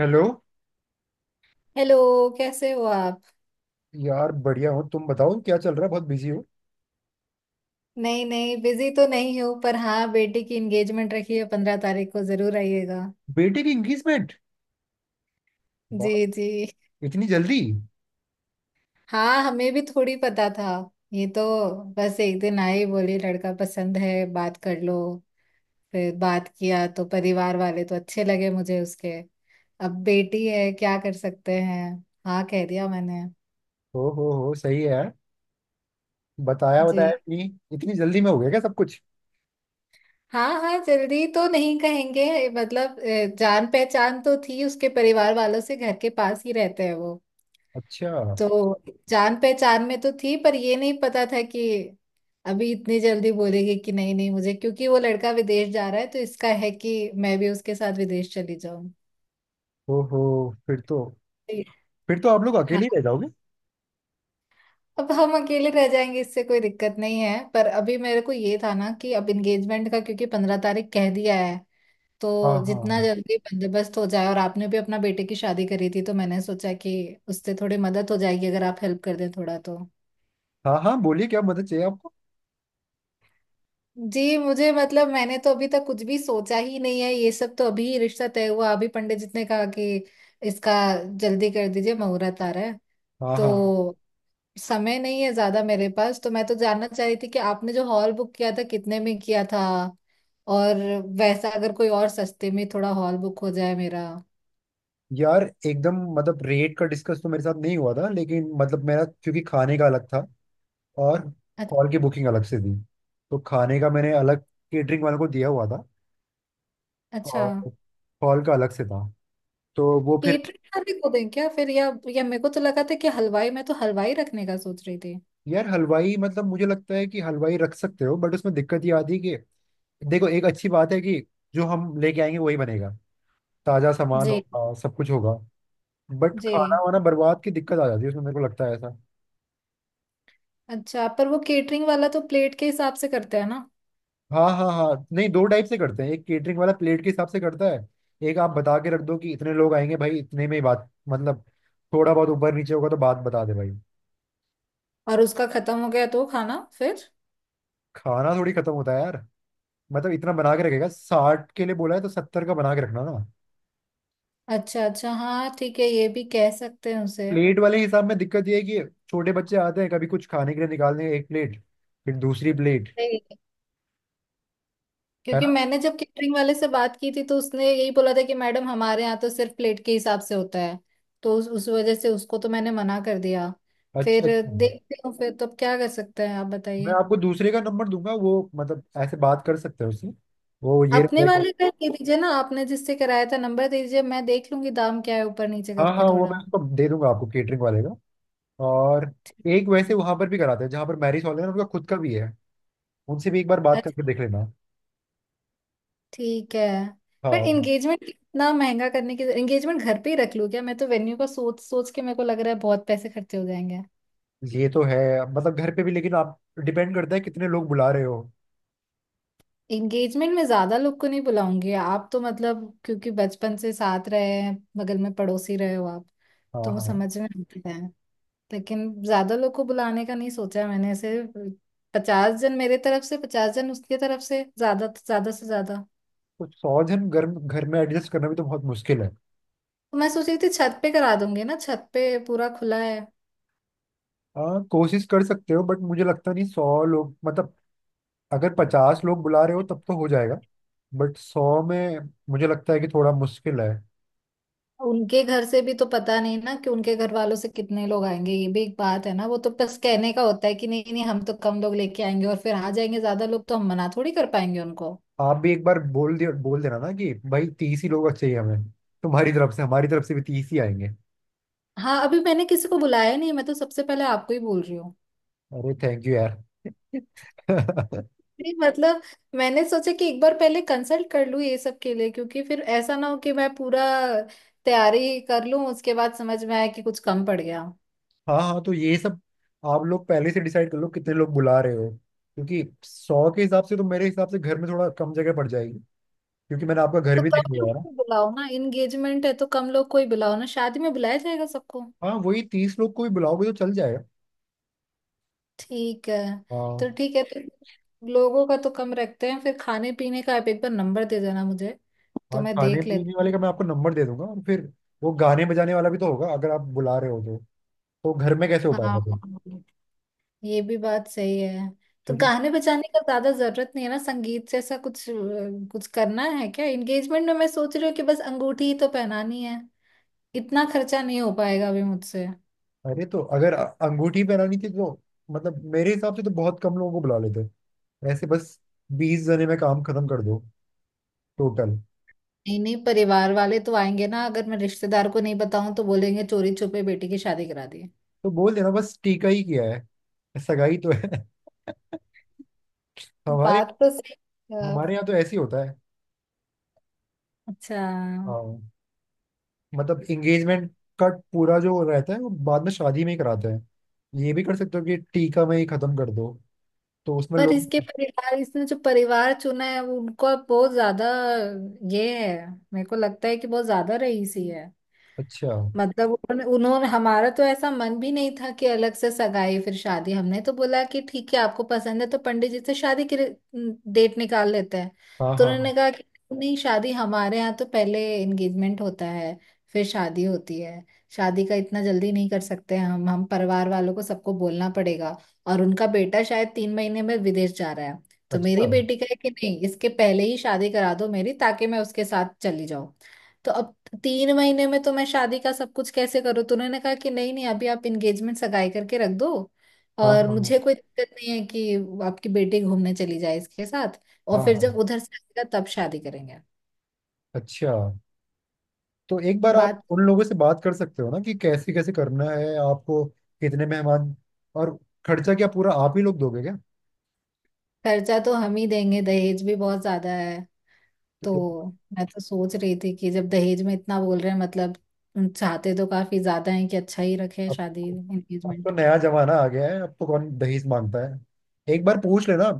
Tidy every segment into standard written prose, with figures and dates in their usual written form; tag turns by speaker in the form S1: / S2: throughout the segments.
S1: Hello.
S2: Hello. कैसे हो आप?
S1: यार बढ़िया। हो तुम, बताओ क्या चल रहा है? बहुत बिजी हो?
S2: नहीं नहीं बिजी तो नहीं हो, पर हाँ, बेटी की एंगेजमेंट रखी है 15 तारीख को, जरूर आइएगा।
S1: बेटे की एंगेजमेंट?
S2: जी
S1: बाप,
S2: जी।
S1: इतनी जल्दी?
S2: हाँ, हमें भी थोड़ी पता था। ये तो बस एक दिन आई, बोली लड़का पसंद है, बात कर लो। फिर बात किया तो परिवार वाले तो अच्छे लगे मुझे उसके। अब बेटी है, क्या कर सकते हैं। हाँ, कह दिया मैंने।
S1: ओ हो, सही है यार। बताया
S2: जी।
S1: बताया, इतनी इतनी जल्दी में हो गया क्या सब कुछ?
S2: हाँ हाँ, जल्दी तो नहीं कहेंगे। मतलब जान पहचान तो थी उसके परिवार वालों से, घर के पास ही रहते हैं वो।
S1: अच्छा।
S2: तो जान पहचान में तो थी, पर ये नहीं पता था कि अभी इतनी जल्दी बोलेगी कि नहीं नहीं मुझे, क्योंकि वो लड़का विदेश जा रहा है तो इसका है कि मैं भी उसके साथ विदेश चली जाऊं।
S1: ओ हो। फिर तो फिर तो आप लोग
S2: हाँ।
S1: अकेले ही रह जाओगे।
S2: अब हम अकेले रह जाएंगे इससे कोई दिक्कत नहीं है, पर अभी मेरे को ये था ना कि अब एंगेजमेंट का, क्योंकि 15 तारीख कह दिया है। तो
S1: हाँ
S2: जितना
S1: हाँ।
S2: जल्दी बंदोबस्त हो जाए, और आपने भी अपना बेटे की शादी करी थी, तो मैंने सोचा कि उससे थोड़ी मदद हो जाएगी, अगर आप हेल्प कर दें थोड़ा तो।
S1: हाँ हाँ, बोलिए क्या मदद चाहिए आपको?
S2: जी, मुझे मतलब मैंने तो अभी तक कुछ भी सोचा ही नहीं है, ये सब तो अभी ही रिश्ता तय हुआ। अभी पंडित जी ने कहा कि इसका जल्दी कर दीजिए, मुहूर्त आ रहा है।
S1: हाँ हाँ।
S2: तो समय नहीं है ज्यादा मेरे पास, तो मैं तो जानना चाह रही थी कि आपने जो हॉल बुक किया था कितने में किया था, और वैसा अगर कोई और सस्ते में थोड़ा हॉल बुक हो जाए मेरा।
S1: यार एकदम, मतलब रेट का डिस्कस तो मेरे साथ नहीं हुआ था, लेकिन मतलब मेरा, क्योंकि खाने का अलग था। और
S2: अच-
S1: हॉल की बुकिंग अलग से थी। तो खाने का मैंने अलग केटरिंग वालों को दिया हुआ था।
S2: अच्छा।
S1: और फॉल का अलग से था। तो वो फिर।
S2: केटरिंग वाले को दें क्या फिर, या मेरे को तो लगा था कि हलवाई, मैं तो हलवाई रखने का सोच रही थी।
S1: यार हलवाई मतलब मुझे लगता है कि हलवाई रख सकते हो, बट उसमें दिक्कत ये आती है कि देखो, एक अच्छी बात है कि जो हम लेके आएंगे वही बनेगा। ताजा सामान
S2: जी।
S1: होगा, सब कुछ होगा। बट खाना
S2: जी,
S1: वाना बर्बाद की दिक्कत आ जाती है उसमें, मेरे को लगता है ऐसा।
S2: अच्छा, पर वो केटरिंग वाला तो प्लेट के हिसाब से करते हैं ना।
S1: हाँ हाँ हाँ, नहीं दो टाइप से करते हैं। एक केटरिंग वाला प्लेट के हिसाब से करता है, एक आप बता के रख दो कि इतने लोग आएंगे भाई, इतने में ही बात मतलब। थोड़ा बहुत ऊपर नीचे होगा तो बात बता दे भाई।
S2: और उसका खत्म हो गया तो खाना फिर?
S1: खाना थोड़ी खत्म होता है यार। मतलब इतना बना के रखेगा, साठ के लिए बोला है तो सत्तर का बना के रखना ना।
S2: अच्छा अच्छा, हाँ ठीक है, ये भी कह सकते हैं उसे।
S1: प्लेट वाले हिसाब में दिक्कत ये है कि छोटे बच्चे आते हैं, कभी कुछ खाने के लिए निकालने एक प्लेट, फिर दूसरी प्लेट।
S2: नहीं,
S1: है
S2: क्योंकि
S1: ना।
S2: मैंने जब केटरिंग वाले से बात की थी, तो उसने यही बोला था कि मैडम हमारे यहाँ तो सिर्फ प्लेट के हिसाब से होता है। तो उस वजह से उसको तो मैंने मना कर दिया।
S1: अच्छा
S2: फिर
S1: अच्छा।
S2: देखते हूँ, फिर तो अब क्या कर सकते हैं, आप
S1: मैं
S2: बताइए।
S1: आपको दूसरे का नंबर दूंगा, वो मतलब ऐसे बात कर सकते हैं उससे। वो ये रहता
S2: अपने
S1: है कि-
S2: वाले का दे दीजिए ना, आपने जिससे कराया था नंबर दे दीजिए, मैं देख लूंगी दाम क्या है ऊपर नीचे
S1: हाँ हाँ,
S2: करके
S1: वो
S2: थोड़ा।
S1: मैं उसको दे दूंगा आपको केटरिंग वाले का। और एक वैसे वहां पर भी कराते हैं जहाँ पर मैरिज हॉल है ना, उनका खुद का भी है। उनसे भी एक बार बात करके
S2: अच्छा।
S1: देख लेना।
S2: ठीक है। पर
S1: हाँ,
S2: एंगेजमेंट इतना महंगा करने की, एंगेजमेंट घर पे ही रख लूँ क्या, मैं तो वेन्यू का सोच सोच के मेरे को लग रहा है बहुत पैसे खर्चे हो जाएंगे।
S1: ये तो है। मतलब घर पे भी, लेकिन आप डिपेंड करता है कितने लोग बुला रहे हो।
S2: एंगेजमेंट में ज्यादा लोग को नहीं बुलाऊंगी, आप तो मतलब क्योंकि बचपन से साथ रहे हैं, बगल में पड़ोसी रहे हो आप,
S1: हाँ
S2: तो वो
S1: हाँ।
S2: समझ में आता है। लेकिन ज्यादा लोग को बुलाने का नहीं सोचा है मैंने ऐसे। 50 जन मेरे तरफ से, 50 जन उसके तरफ से, ज्यादा ज्यादा से ज्यादा।
S1: तो सौ जन घर घर में एडजस्ट करना भी तो बहुत मुश्किल है।
S2: तो मैं सोच रही थी छत पे करा दूंगी ना, छत पे पूरा खुला है।
S1: हाँ कोशिश कर सकते हो, बट मुझे लगता नहीं सौ लोग मतलब। अगर पचास लोग बुला रहे हो तब तो हो जाएगा। बट सौ में मुझे लगता है कि थोड़ा मुश्किल है।
S2: उनके घर से भी तो पता नहीं ना कि उनके घर वालों से कितने लोग आएंगे, ये भी एक बात है ना। वो तो बस कहने का होता है कि नहीं नहीं हम तो कम लोग लेके आएंगे, और फिर आ जाएंगे ज्यादा लोग, तो हम मना थोड़ी कर पाएंगे उनको।
S1: आप भी एक बार बोल देना ना कि भाई तीस ही लोग चाहिए हमें। तुम्हारी तरफ से, हमारी तरफ से भी तीस ही आएंगे।
S2: हाँ, अभी मैंने किसी को बुलाया नहीं है, मैं तो सबसे पहले आपको ही बोल रही हूँ।
S1: अरे थैंक यू यार।
S2: नहीं, मतलब मैंने सोचा कि एक बार पहले कंसल्ट कर लूँ ये सब के लिए, क्योंकि फिर ऐसा ना हो कि मैं पूरा तैयारी कर लूँ उसके बाद समझ में आया कि कुछ कम पड़ गया।
S1: हाँ हाँ, तो ये सब आप लोग पहले से डिसाइड कर लो कितने लोग बुला रहे हो। क्योंकि सौ के हिसाब से तो मेरे हिसाब से घर में थोड़ा कम जगह पड़ जाएगी। क्योंकि मैंने आपका घर
S2: तो
S1: भी देख
S2: कम
S1: लिया
S2: लोग
S1: है।
S2: को बुलाओ ना, एंगेजमेंट है तो कम लोग को ही बुलाओ ना, शादी में बुलाया जाएगा सबको।
S1: हाँ वही, तीस लोग को भी बुलाओगे तो चल जाएगा।
S2: ठीक है। तो
S1: हाँ
S2: ठीक है, तो लोगों का तो कम रखते हैं, फिर खाने पीने का आप एक बार नंबर दे देना मुझे, तो
S1: हाँ,
S2: मैं
S1: खाने
S2: देख
S1: पीने
S2: लेती हूँ।
S1: वाले का मैं आपको नंबर दे दूंगा और फिर वो गाने बजाने वाला भी तो होगा, अगर आप बुला रहे हो तो। तो घर में कैसे हो पाएगा
S2: हाँ,
S1: फिर?
S2: ये भी बात सही है। तो
S1: क्योंकि,
S2: गाने बजाने का ज्यादा जरूरत नहीं है ना, संगीत से ऐसा कुछ कुछ करना है क्या एंगेजमेंट में, मैं सोच रही हूँ कि बस अंगूठी ही तो पहनानी है, इतना खर्चा नहीं हो पाएगा अभी मुझसे।
S1: अरे तो अगर अंगूठी पहनानी थी तो, मतलब मेरे हिसाब से तो बहुत कम लोगों को बुला लेते। ऐसे बस बीस जने में काम खत्म कर दो, टोटल।
S2: नहीं नहीं, परिवार वाले तो आएंगे ना, अगर मैं रिश्तेदार को नहीं बताऊं तो बोलेंगे चोरी छुपे बेटी की शादी करा दी।
S1: तो बोल देना बस टीका ही किया है, सगाई तो है। हमारे
S2: बात तो सही है।
S1: हमारे यहाँ तो ऐसे ही होता है।
S2: अच्छा।
S1: हाँ। मतलब एंगेजमेंट का पूरा जो रहता है वो बाद में शादी में ही कराते हैं। ये भी कर सकते हो कि टीका में ही खत्म कर दो। तो उसमें
S2: पर
S1: लोग,
S2: इसके परिवार, इसने जो परिवार चुना है वो उनको अब बहुत ज्यादा ये है, मेरे को लगता है कि बहुत ज्यादा रईसी है।
S1: अच्छा।
S2: मतलब उन्होंने उन्होंने- हमारा तो ऐसा मन भी नहीं था कि अलग से सगाई फिर शादी, हमने तो बोला कि ठीक है, आपको पसंद है तो पंडित जी से शादी के डेट निकाल लेते हैं।
S1: हाँ
S2: तो
S1: हाँ
S2: उन्होंने
S1: हाँ।
S2: कहा कि नहीं, शादी हमारे यहाँ तो पहले एंगेजमेंट होता है, फिर शादी होती है, शादी का इतना जल्दी नहीं कर सकते, हम परिवार वालों को सबको बोलना पड़ेगा। और उनका बेटा शायद 3 महीने में विदेश जा रहा है, तो
S1: अच्छा।
S2: मेरी बेटी का है कि नहीं इसके पहले ही शादी करा दो मेरी, ताकि मैं उसके साथ चली जाऊं। तो अब 3 महीने में तो मैं शादी का सब कुछ कैसे करूँ, तो उन्होंने कहा कि नहीं नहीं अभी आप एंगेजमेंट सगाई करके रख दो,
S1: हाँ
S2: और
S1: हाँ हाँ
S2: मुझे कोई दिक्कत नहीं है कि आपकी बेटी घूमने चली जाए इसके साथ, और
S1: हाँ
S2: फिर
S1: हाँ।
S2: जब उधर से आएगा तब शादी करेंगे।
S1: अच्छा। तो एक बार आप
S2: बात।
S1: उन लोगों से बात कर सकते हो ना, कि कैसे कैसे करना है आपको, कितने मेहमान, और खर्चा क्या पूरा आप ही लोग दोगे क्या?
S2: खर्चा तो हम ही देंगे, दहेज भी बहुत ज्यादा है।
S1: तो
S2: तो
S1: एक-
S2: मैं तो सोच रही थी कि जब दहेज में इतना बोल रहे हैं, मतलब चाहते तो काफी ज्यादा है कि अच्छा ही रखे
S1: अब
S2: शादी
S1: अब तो
S2: एंगेजमेंट।
S1: नया जमाना आ गया है, अब तो कौन दहेज मांगता है, एक बार पूछ लेना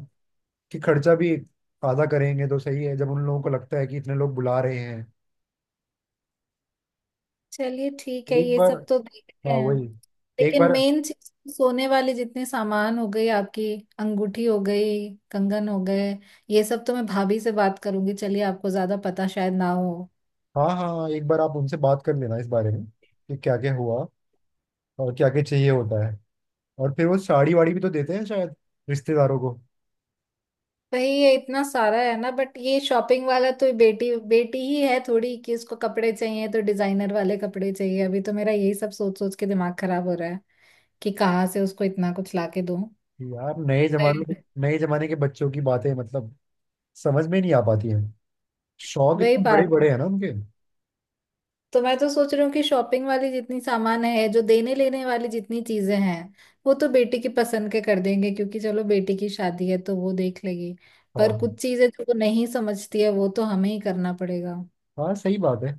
S1: कि खर्चा भी आधा करेंगे तो सही है, जब उन लोगों को लगता है कि इतने लोग बुला रहे हैं।
S2: चलिए ठीक है,
S1: एक
S2: ये
S1: बार,
S2: सब तो देखते
S1: हाँ
S2: हैं।
S1: वही, एक
S2: लेकिन
S1: बार,
S2: मेन चीज, सोने वाले जितने सामान हो गए, आपकी अंगूठी हो गई, कंगन हो गए, ये सब तो मैं भाभी से बात करूंगी, चलिए आपको ज्यादा पता शायद ना हो।
S1: हाँ हाँ हाँ, एक बार आप उनसे बात कर लेना इस बारे में कि क्या क्या हुआ और क्या क्या चाहिए होता है। और फिर वो साड़ी वाड़ी भी तो देते हैं शायद रिश्तेदारों को।
S2: भाई ये इतना सारा है ना, बट ये शॉपिंग वाला तो, बेटी बेटी ही है थोड़ी कि उसको कपड़े चाहिए तो डिजाइनर वाले कपड़े चाहिए, अभी तो मेरा यही सब सोच सोच के दिमाग खराब हो रहा है कि कहाँ से उसको इतना कुछ लाके दूं।
S1: यार,
S2: वही।
S1: नए जमाने के बच्चों की बातें मतलब समझ में नहीं आ पाती हैं। शौक
S2: वही
S1: इतने बड़े
S2: बात,
S1: बड़े हैं ना उनके।
S2: तो मैं तो सोच रही हूँ कि शॉपिंग वाली जितनी सामान है, जो देने लेने वाली जितनी चीजें हैं वो तो बेटी की पसंद के कर देंगे, क्योंकि चलो बेटी की शादी है तो वो देख लेगी। पर
S1: हाँ
S2: कुछ चीजें जो वो नहीं समझती है वो तो हमें ही करना पड़ेगा।
S1: हाँ, सही बात है।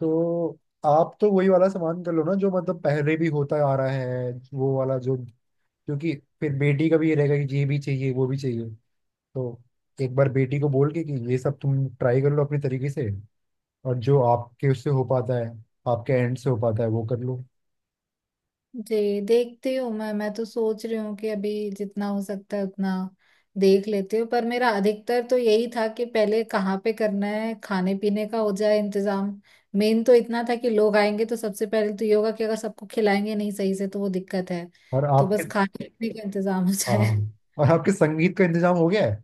S1: तो आप तो वही वाला सामान कर लो ना, जो मतलब पहले भी होता आ रहा है वो वाला जो, क्योंकि फिर बेटी का भी ये रहेगा कि ये भी चाहिए वो भी चाहिए। तो एक बार बेटी को बोल के कि ये सब तुम ट्राई कर लो अपने तरीके से, और जो आपके उससे हो पाता है, आपके एंड से हो पाता है वो कर लो।
S2: जी, देखती हूँ, मैं तो सोच रही हूँ कि अभी जितना हो सकता है उतना देख लेती हूँ, पर मेरा अधिकतर तो यही था कि पहले कहाँ पे करना है, खाने पीने का हो जाए इंतजाम। मेन तो इतना था कि लोग आएंगे, तो सबसे पहले तो ये होगा कि अगर सबको खिलाएंगे नहीं सही से तो वो दिक्कत है।
S1: और
S2: तो
S1: आप
S2: बस
S1: फिर-
S2: खाने पीने का इंतजाम हो जाए।
S1: हाँ, और आपके संगीत का इंतजाम हो गया है?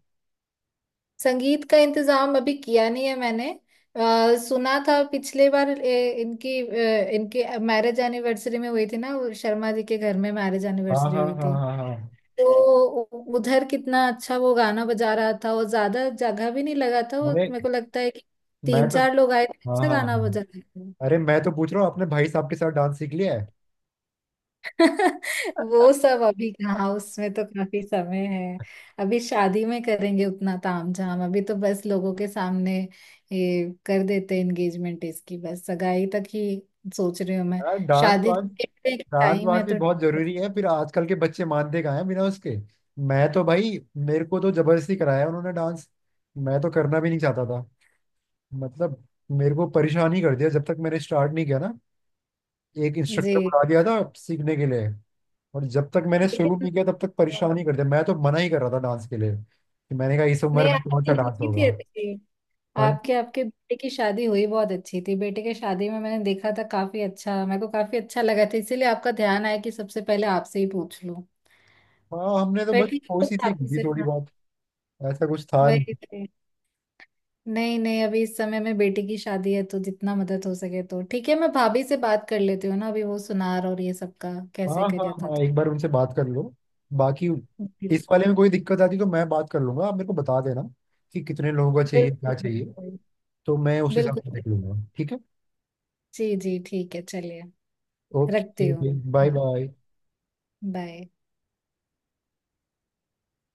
S2: संगीत का इंतजाम अभी किया नहीं है मैंने। सुना था पिछले बार, इनकी इनके मैरिज एनिवर्सरी में हुई थी ना, वो शर्मा जी के घर में मैरिज
S1: हाँ
S2: एनिवर्सरी
S1: हाँ
S2: हुई
S1: हाँ
S2: थी।
S1: हाँ हाँ।
S2: तो उधर कितना अच्छा वो गाना बजा रहा था, और ज्यादा जगह भी नहीं लगा था, और
S1: अरे
S2: मेरे को लगता है कि
S1: मैं
S2: तीन
S1: तो
S2: चार लोग आए थे,
S1: हाँ
S2: अच्छा गाना
S1: हाँ,
S2: बजा रहे थे।
S1: अरे मैं तो पूछ रहा हूँ अपने भाई साहब के साथ डांस सीख लिया है?
S2: वो सब अभी कहाँ, उसमें तो काफी समय है। अभी शादी में करेंगे उतना तामझाम, अभी तो बस लोगों के सामने ये कर देते एंगेजमेंट, इसकी बस सगाई तक ही सोच रही हूँ मैं।
S1: यार डांस
S2: शादी
S1: वांस, डांट
S2: टाइम है
S1: मारती
S2: तो।
S1: बहुत जरूरी है, फिर आजकल के बच्चे मानते कहाँ हैं बिना उसके। मैं तो भाई, मेरे को तो जबरदस्ती कराया उन्होंने डांस। मैं तो करना भी नहीं चाहता था, मतलब मेरे को परेशान ही कर दिया जब तक मैंने स्टार्ट नहीं किया ना। एक इंस्ट्रक्टर
S2: जी।
S1: बुला दिया था सीखने के लिए, और जब तक मैंने शुरू
S2: लेकिन
S1: नहीं किया तब तक
S2: अ,
S1: परेशान ही कर दिया। मैं तो मना ही कर रहा था डांस के लिए, कि मैंने कहा इस
S2: नहीं,
S1: उम्र में कौन
S2: आपकी
S1: सा डांस
S2: हुई
S1: होगा।
S2: थी अच्छी,
S1: हाँ जी।
S2: आपके आपके बेटे की शादी हुई बहुत अच्छी थी, बेटे की शादी में मैंने देखा था काफी अच्छा, मेरे को काफी अच्छा लगा था, इसीलिए आपका ध्यान आया कि सबसे पहले आपसे ही पूछ लूं।
S1: हाँ हमने तो
S2: पर
S1: बस
S2: ठीक है,
S1: कोशिश
S2: तो
S1: ही
S2: आप
S1: की थी
S2: इसे,
S1: थोड़ी
S2: हाँ
S1: बहुत, ऐसा कुछ था नहीं।
S2: वही थे। नहीं नहीं, अभी इस समय में बेटी की शादी है तो जितना मदद हो सके तो ठीक है, मैं भाभी से बात कर लेती हूँ ना, अभी वो सुनार और ये सब का कैसे
S1: हाँ हाँ
S2: कर था
S1: हाँ,
S2: तो।
S1: एक बार उनसे बात कर लो। बाकी इस
S2: बिल्कुल
S1: वाले में कोई दिक्कत आती तो मैं बात कर लूंगा, आप मेरे को बता देना कि कितने लोगों का चाहिए, क्या चाहिए।
S2: बिल्कुल
S1: तो मैं उस हिसाब से
S2: बिल्कुल
S1: देख
S2: बिल्कुल।
S1: लूंगा, ठीक है।
S2: जी जी ठीक है, चलिए, रखती
S1: ओके,
S2: हूँ।
S1: बाय
S2: हाँ।
S1: बाय।
S2: बाय।